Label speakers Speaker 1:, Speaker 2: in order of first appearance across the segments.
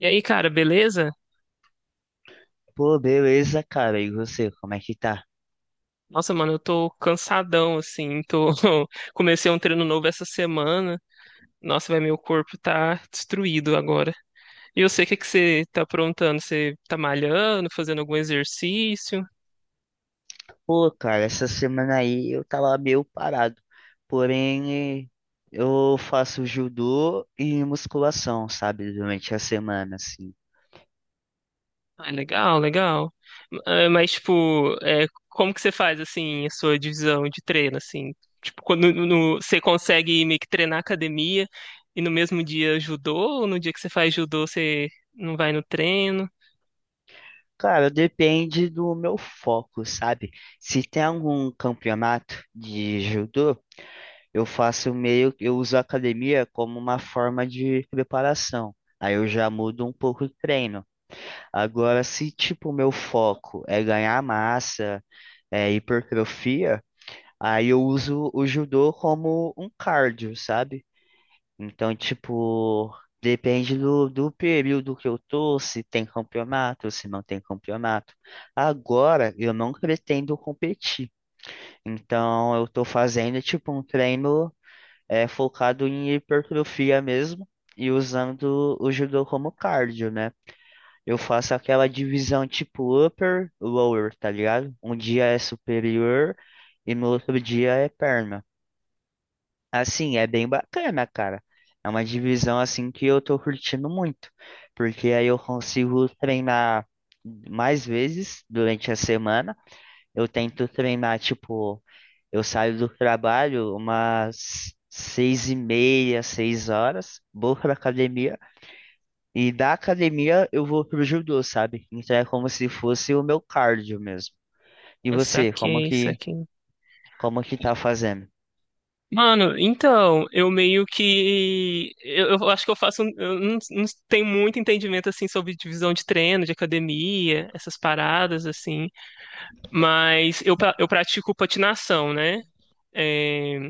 Speaker 1: E aí, cara, beleza?
Speaker 2: Pô, beleza, cara. E você, como é que tá?
Speaker 1: Nossa, mano, eu tô cansadão, assim, tô... Comecei um treino novo essa semana. Nossa, vai, meu corpo tá destruído agora. E eu sei o que que você tá aprontando? Você tá malhando, fazendo algum exercício?
Speaker 2: Pô, cara, essa semana aí eu tava meio parado. Porém, eu faço judô e musculação, sabe? Durante a semana, assim.
Speaker 1: Ah, legal, legal. Ah, mas, tipo, é, como que você faz, assim, a sua divisão de treino, assim? Tipo, quando você consegue meio que treinar academia e no mesmo dia judô, ou no dia que você faz judô você não vai no treino?
Speaker 2: Cara, depende do meu foco, sabe? Se tem algum campeonato de judô, eu uso a academia como uma forma de preparação. Aí eu já mudo um pouco o treino. Agora, se tipo, o meu foco é ganhar massa, hipertrofia, aí eu uso o judô como um cardio, sabe? Então, tipo, depende do período que eu tô, se tem campeonato, se não tem campeonato. Agora, eu não pretendo competir, então eu tô fazendo, tipo, um treino focado em hipertrofia mesmo e usando o judô como cardio, né? Eu faço aquela divisão tipo upper, lower, tá ligado? Um dia é superior e no outro dia é perna. Assim, é bem bacana, cara. É uma divisão assim que eu tô curtindo muito, porque aí eu consigo treinar mais vezes durante a semana. Eu tento treinar, tipo, eu saio do trabalho umas 6:30, 6 horas, vou pra academia. E da academia eu vou pro judô, sabe? Então é como se fosse o meu cardio mesmo. E
Speaker 1: Ah,
Speaker 2: você,
Speaker 1: saquei, saquei.
Speaker 2: como que tá fazendo?
Speaker 1: Mano, então, eu meio que. Eu acho que eu faço. Eu não tenho muito entendimento, assim, sobre divisão de treino, de academia, essas paradas, assim. Mas eu, eu pratico patinação, né? É,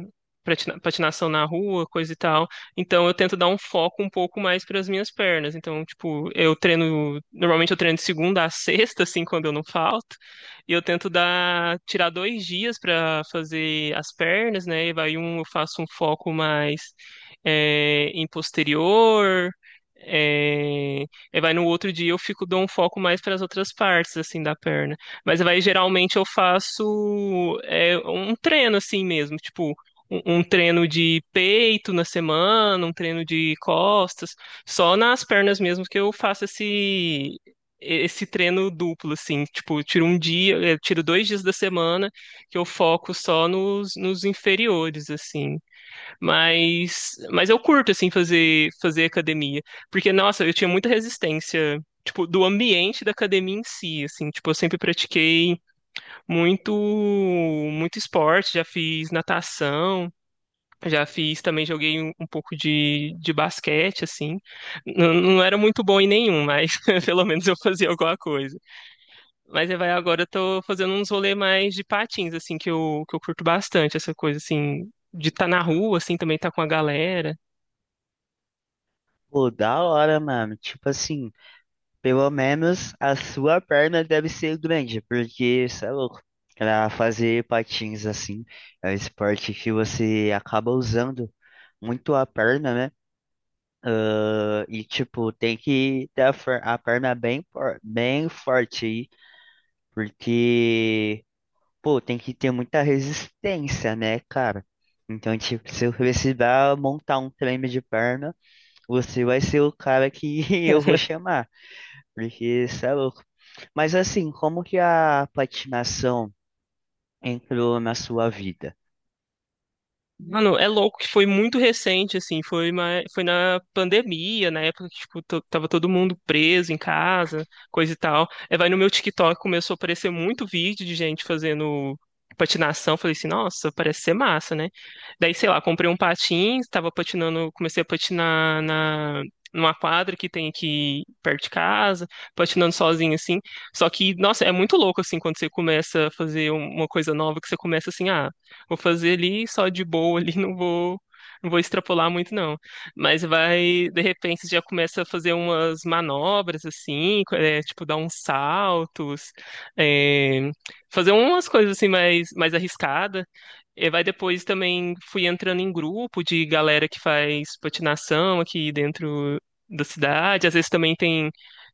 Speaker 1: patinação na rua, coisa e tal. Então eu tento dar um foco um pouco mais para as minhas pernas. Então, tipo, eu treino, normalmente eu treino de segunda a sexta, assim, quando eu não falto. E eu tento dar, tirar dois dias para fazer as pernas, né? E vai um, eu faço um foco mais é, em posterior. É, e vai no outro dia eu fico dou um foco mais para as outras partes assim da perna. Mas vai, geralmente eu faço é, um treino assim mesmo, tipo, um treino de peito na semana, um treino de costas, só nas pernas mesmo que eu faço esse treino duplo, assim, tipo, eu tiro um dia, eu tiro dois dias da semana que eu foco só nos inferiores, assim. Mas eu curto, assim, fazer, fazer academia. Porque, nossa, eu tinha muita resistência, tipo, do ambiente da academia em si, assim. Tipo, eu sempre pratiquei muito, muito esporte, já fiz natação, já fiz, também joguei um pouco de basquete, assim. Não era muito bom em nenhum, mas pelo menos eu fazia alguma coisa. Mas aí vai agora eu tô fazendo uns rolês mais de patins, assim, que eu curto bastante, essa coisa, assim, de estar na rua, assim, também tá com a galera.
Speaker 2: Pô, da hora, mano. Tipo assim, pelo menos a sua perna deve ser grande, porque você é louco. Pra fazer patins assim, é um esporte que você acaba usando muito a perna, né? Ah, e tipo, tem que ter a, fer- a perna bem, bem forte aí, porque pô, tem que ter muita resistência, né, cara? Então, tipo, se eu precisar montar um treino de perna, você vai ser o cara que eu vou chamar, porque você é louco. Mas assim, como que a patinação entrou na sua vida?
Speaker 1: Mano, é louco que foi muito recente, assim, foi, foi na pandemia, na época que, tipo, tava todo mundo preso em casa, coisa e tal. Aí vai no meu TikTok, começou a aparecer muito vídeo de gente fazendo patinação, falei assim, nossa, parece ser massa, né? Daí, sei lá, comprei um patins, tava patinando, comecei a patinar na... numa quadra que tem aqui perto de casa, patinando sozinho, assim. Só que, nossa, é muito louco, assim, quando você começa a fazer uma coisa nova, que você começa assim, ah, vou fazer ali só de boa ali, não vou extrapolar muito não. Mas vai, de repente, você já começa a fazer umas manobras assim, é, tipo dar uns saltos, é, fazer umas coisas assim mais, mais arriscadas. E vai depois também fui entrando em grupo de galera que faz patinação aqui dentro da cidade. Às vezes também tem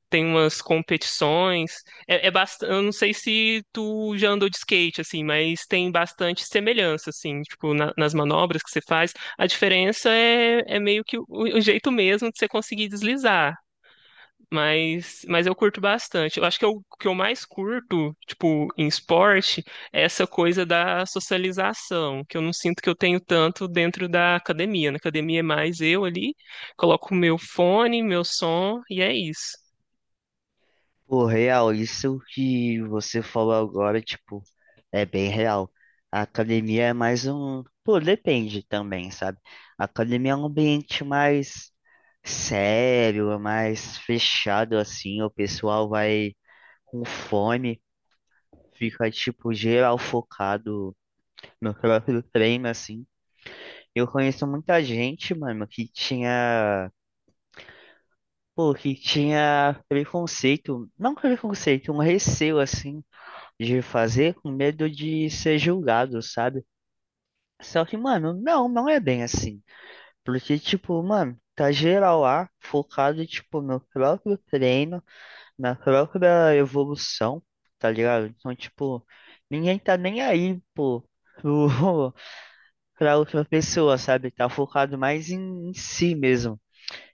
Speaker 1: umas competições. É, é bastante, eu não sei se tu já andou de skate, assim, mas tem bastante semelhança, assim, tipo, nas manobras que você faz. A diferença é, é meio que o jeito mesmo de você conseguir deslizar. Mas eu curto bastante. Eu acho que o que eu mais curto, tipo, em esporte, é essa coisa da socialização, que eu não sinto que eu tenho tanto dentro da academia. Na academia é mais eu ali, coloco o meu fone, meu som, e é isso.
Speaker 2: Pô, real, isso que você falou agora, tipo, é bem real. A academia é mais um. Pô, depende também, sabe? A academia é um ambiente mais sério, é mais fechado, assim. O pessoal vai com fome, fica, tipo, geral focado no próprio treino, assim. Eu conheço muita gente, mano, que tinha. Pô, que tinha preconceito, não preconceito, um receio, assim, de fazer com medo de ser julgado, sabe? Só que, mano, não é bem assim. Porque, tipo, mano, tá geral lá focado, tipo, no próprio treino, na própria evolução, tá ligado? Então, tipo, ninguém tá nem aí, pô, pro, pra outra pessoa, sabe? Tá focado mais em, em si mesmo.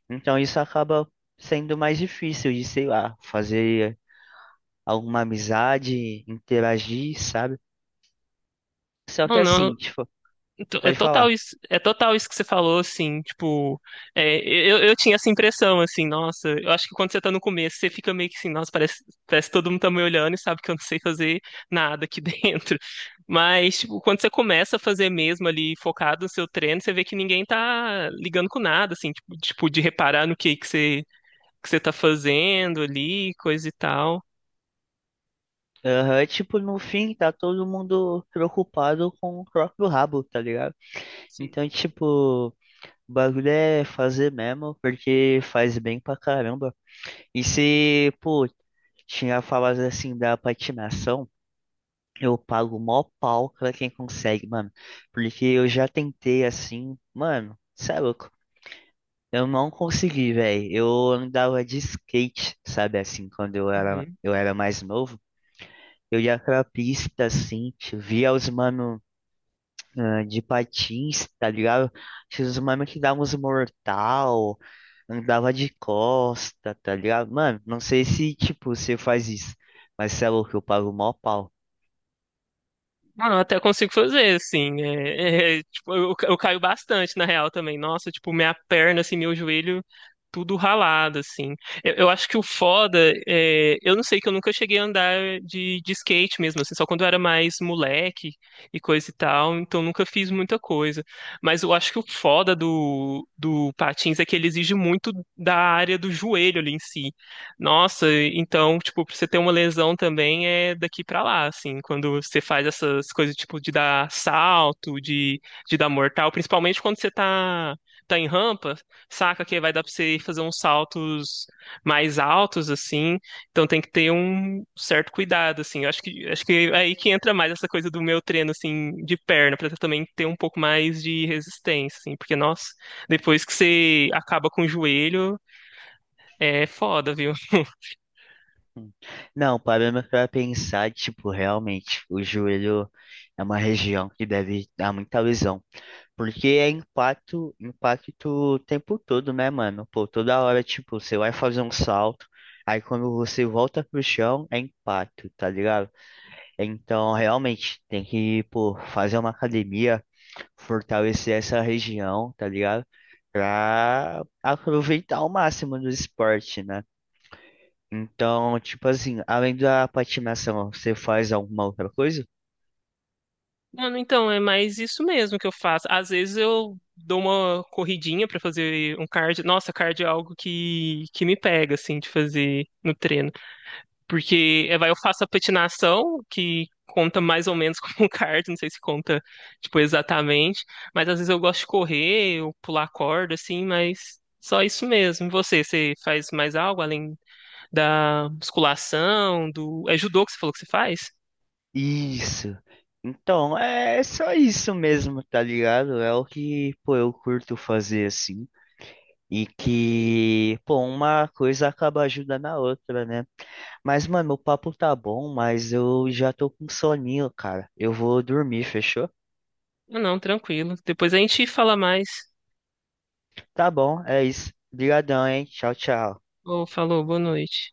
Speaker 2: Então, isso acaba sendo mais difícil de, sei lá, fazer alguma amizade, interagir, sabe? Só que
Speaker 1: Não, não,
Speaker 2: assim, tipo,
Speaker 1: então, é
Speaker 2: pode
Speaker 1: total
Speaker 2: falar.
Speaker 1: isso, é total isso que você falou, assim, tipo, é, eu tinha essa impressão, assim, nossa, eu acho que quando você tá no começo, você fica meio que assim, nossa, parece, parece que todo mundo tá me olhando e sabe que eu não sei fazer nada aqui dentro. Mas, tipo, quando você começa a fazer mesmo ali, focado no seu treino, você vê que ninguém tá ligando com nada, assim, tipo, de reparar no que que você tá fazendo ali, coisa e tal.
Speaker 2: Aham, tipo, no fim, tá todo mundo preocupado com o próprio rabo, tá ligado?
Speaker 1: Sim.
Speaker 2: Então, tipo, o bagulho é fazer mesmo, porque faz bem pra caramba. E se, pô, tinha falado assim da patinação, eu pago mó pau pra quem consegue, mano. Porque eu já tentei assim, mano, cê é louco. Eu não consegui, velho. Eu andava de skate, sabe, assim, quando eu era mais novo. Eu ia pra pista, assim, tio, via os mano, ah, de patins, tá ligado? Tinha os mano que davam uns mortal, andava de costa, tá ligado? Mano, não sei se, tipo, você faz isso, mas você é louco, eu pago mó pau.
Speaker 1: Mano, eu até consigo fazer, assim. É, tipo, eu caio bastante, na real, também. Nossa, tipo, minha perna, assim, meu joelho, tudo ralado, assim. Eu acho que o foda, é, eu não sei, que eu nunca cheguei a andar de skate mesmo, assim, só quando eu era mais moleque e coisa e tal, então nunca fiz muita coisa. Mas eu acho que o foda do patins é que ele exige muito da área do joelho ali em si. Nossa, então, tipo, pra você ter uma lesão também é daqui pra lá, assim, quando você faz essas coisas, tipo, de dar salto, de dar mortal, principalmente quando você tá em rampa, saca que vai dar pra você fazer uns saltos mais altos, assim, então tem que ter um certo cuidado, assim, eu acho que é aí que entra mais essa coisa do meu treino, assim, de perna, pra também ter um pouco mais de resistência, assim, porque, nossa, depois que você acaba com o joelho, é foda, viu?
Speaker 2: Não, parando pra pensar, tipo, realmente, o joelho é uma região que deve dar muita lesão. Porque é impacto, impacto o tempo todo, né, mano? Pô, toda hora, tipo, você vai fazer um salto, aí quando você volta pro chão, é impacto, tá ligado? Então, realmente, tem que, pô, fazer uma academia, fortalecer essa região, tá ligado? Pra aproveitar ao máximo do esporte, né? Então, tipo assim, além da patinação, você faz alguma outra coisa?
Speaker 1: Mano, então, é mais isso mesmo que eu faço. Às vezes eu dou uma corridinha pra fazer um cardio. Nossa, cardio é algo que me pega, assim, de fazer no treino. Porque é, vai, eu faço a patinação, que conta mais ou menos como um cardio, não sei se conta, tipo, exatamente. Mas às vezes eu gosto de correr, ou pular corda, assim, mas só isso mesmo. E você, você faz mais algo além da musculação, do... É judô que você falou que você faz?
Speaker 2: Isso. Então, é só isso mesmo, tá ligado? É o que, pô, eu curto fazer assim. E que, pô, uma coisa acaba ajudando a outra, né? Mas, mano, o papo tá bom, mas eu já tô com soninho, cara. Eu vou dormir, fechou?
Speaker 1: Ah, não, tranquilo. Depois a gente fala mais.
Speaker 2: Tá bom, é isso. Obrigadão, hein? Tchau, tchau.
Speaker 1: Ô, falou, boa noite.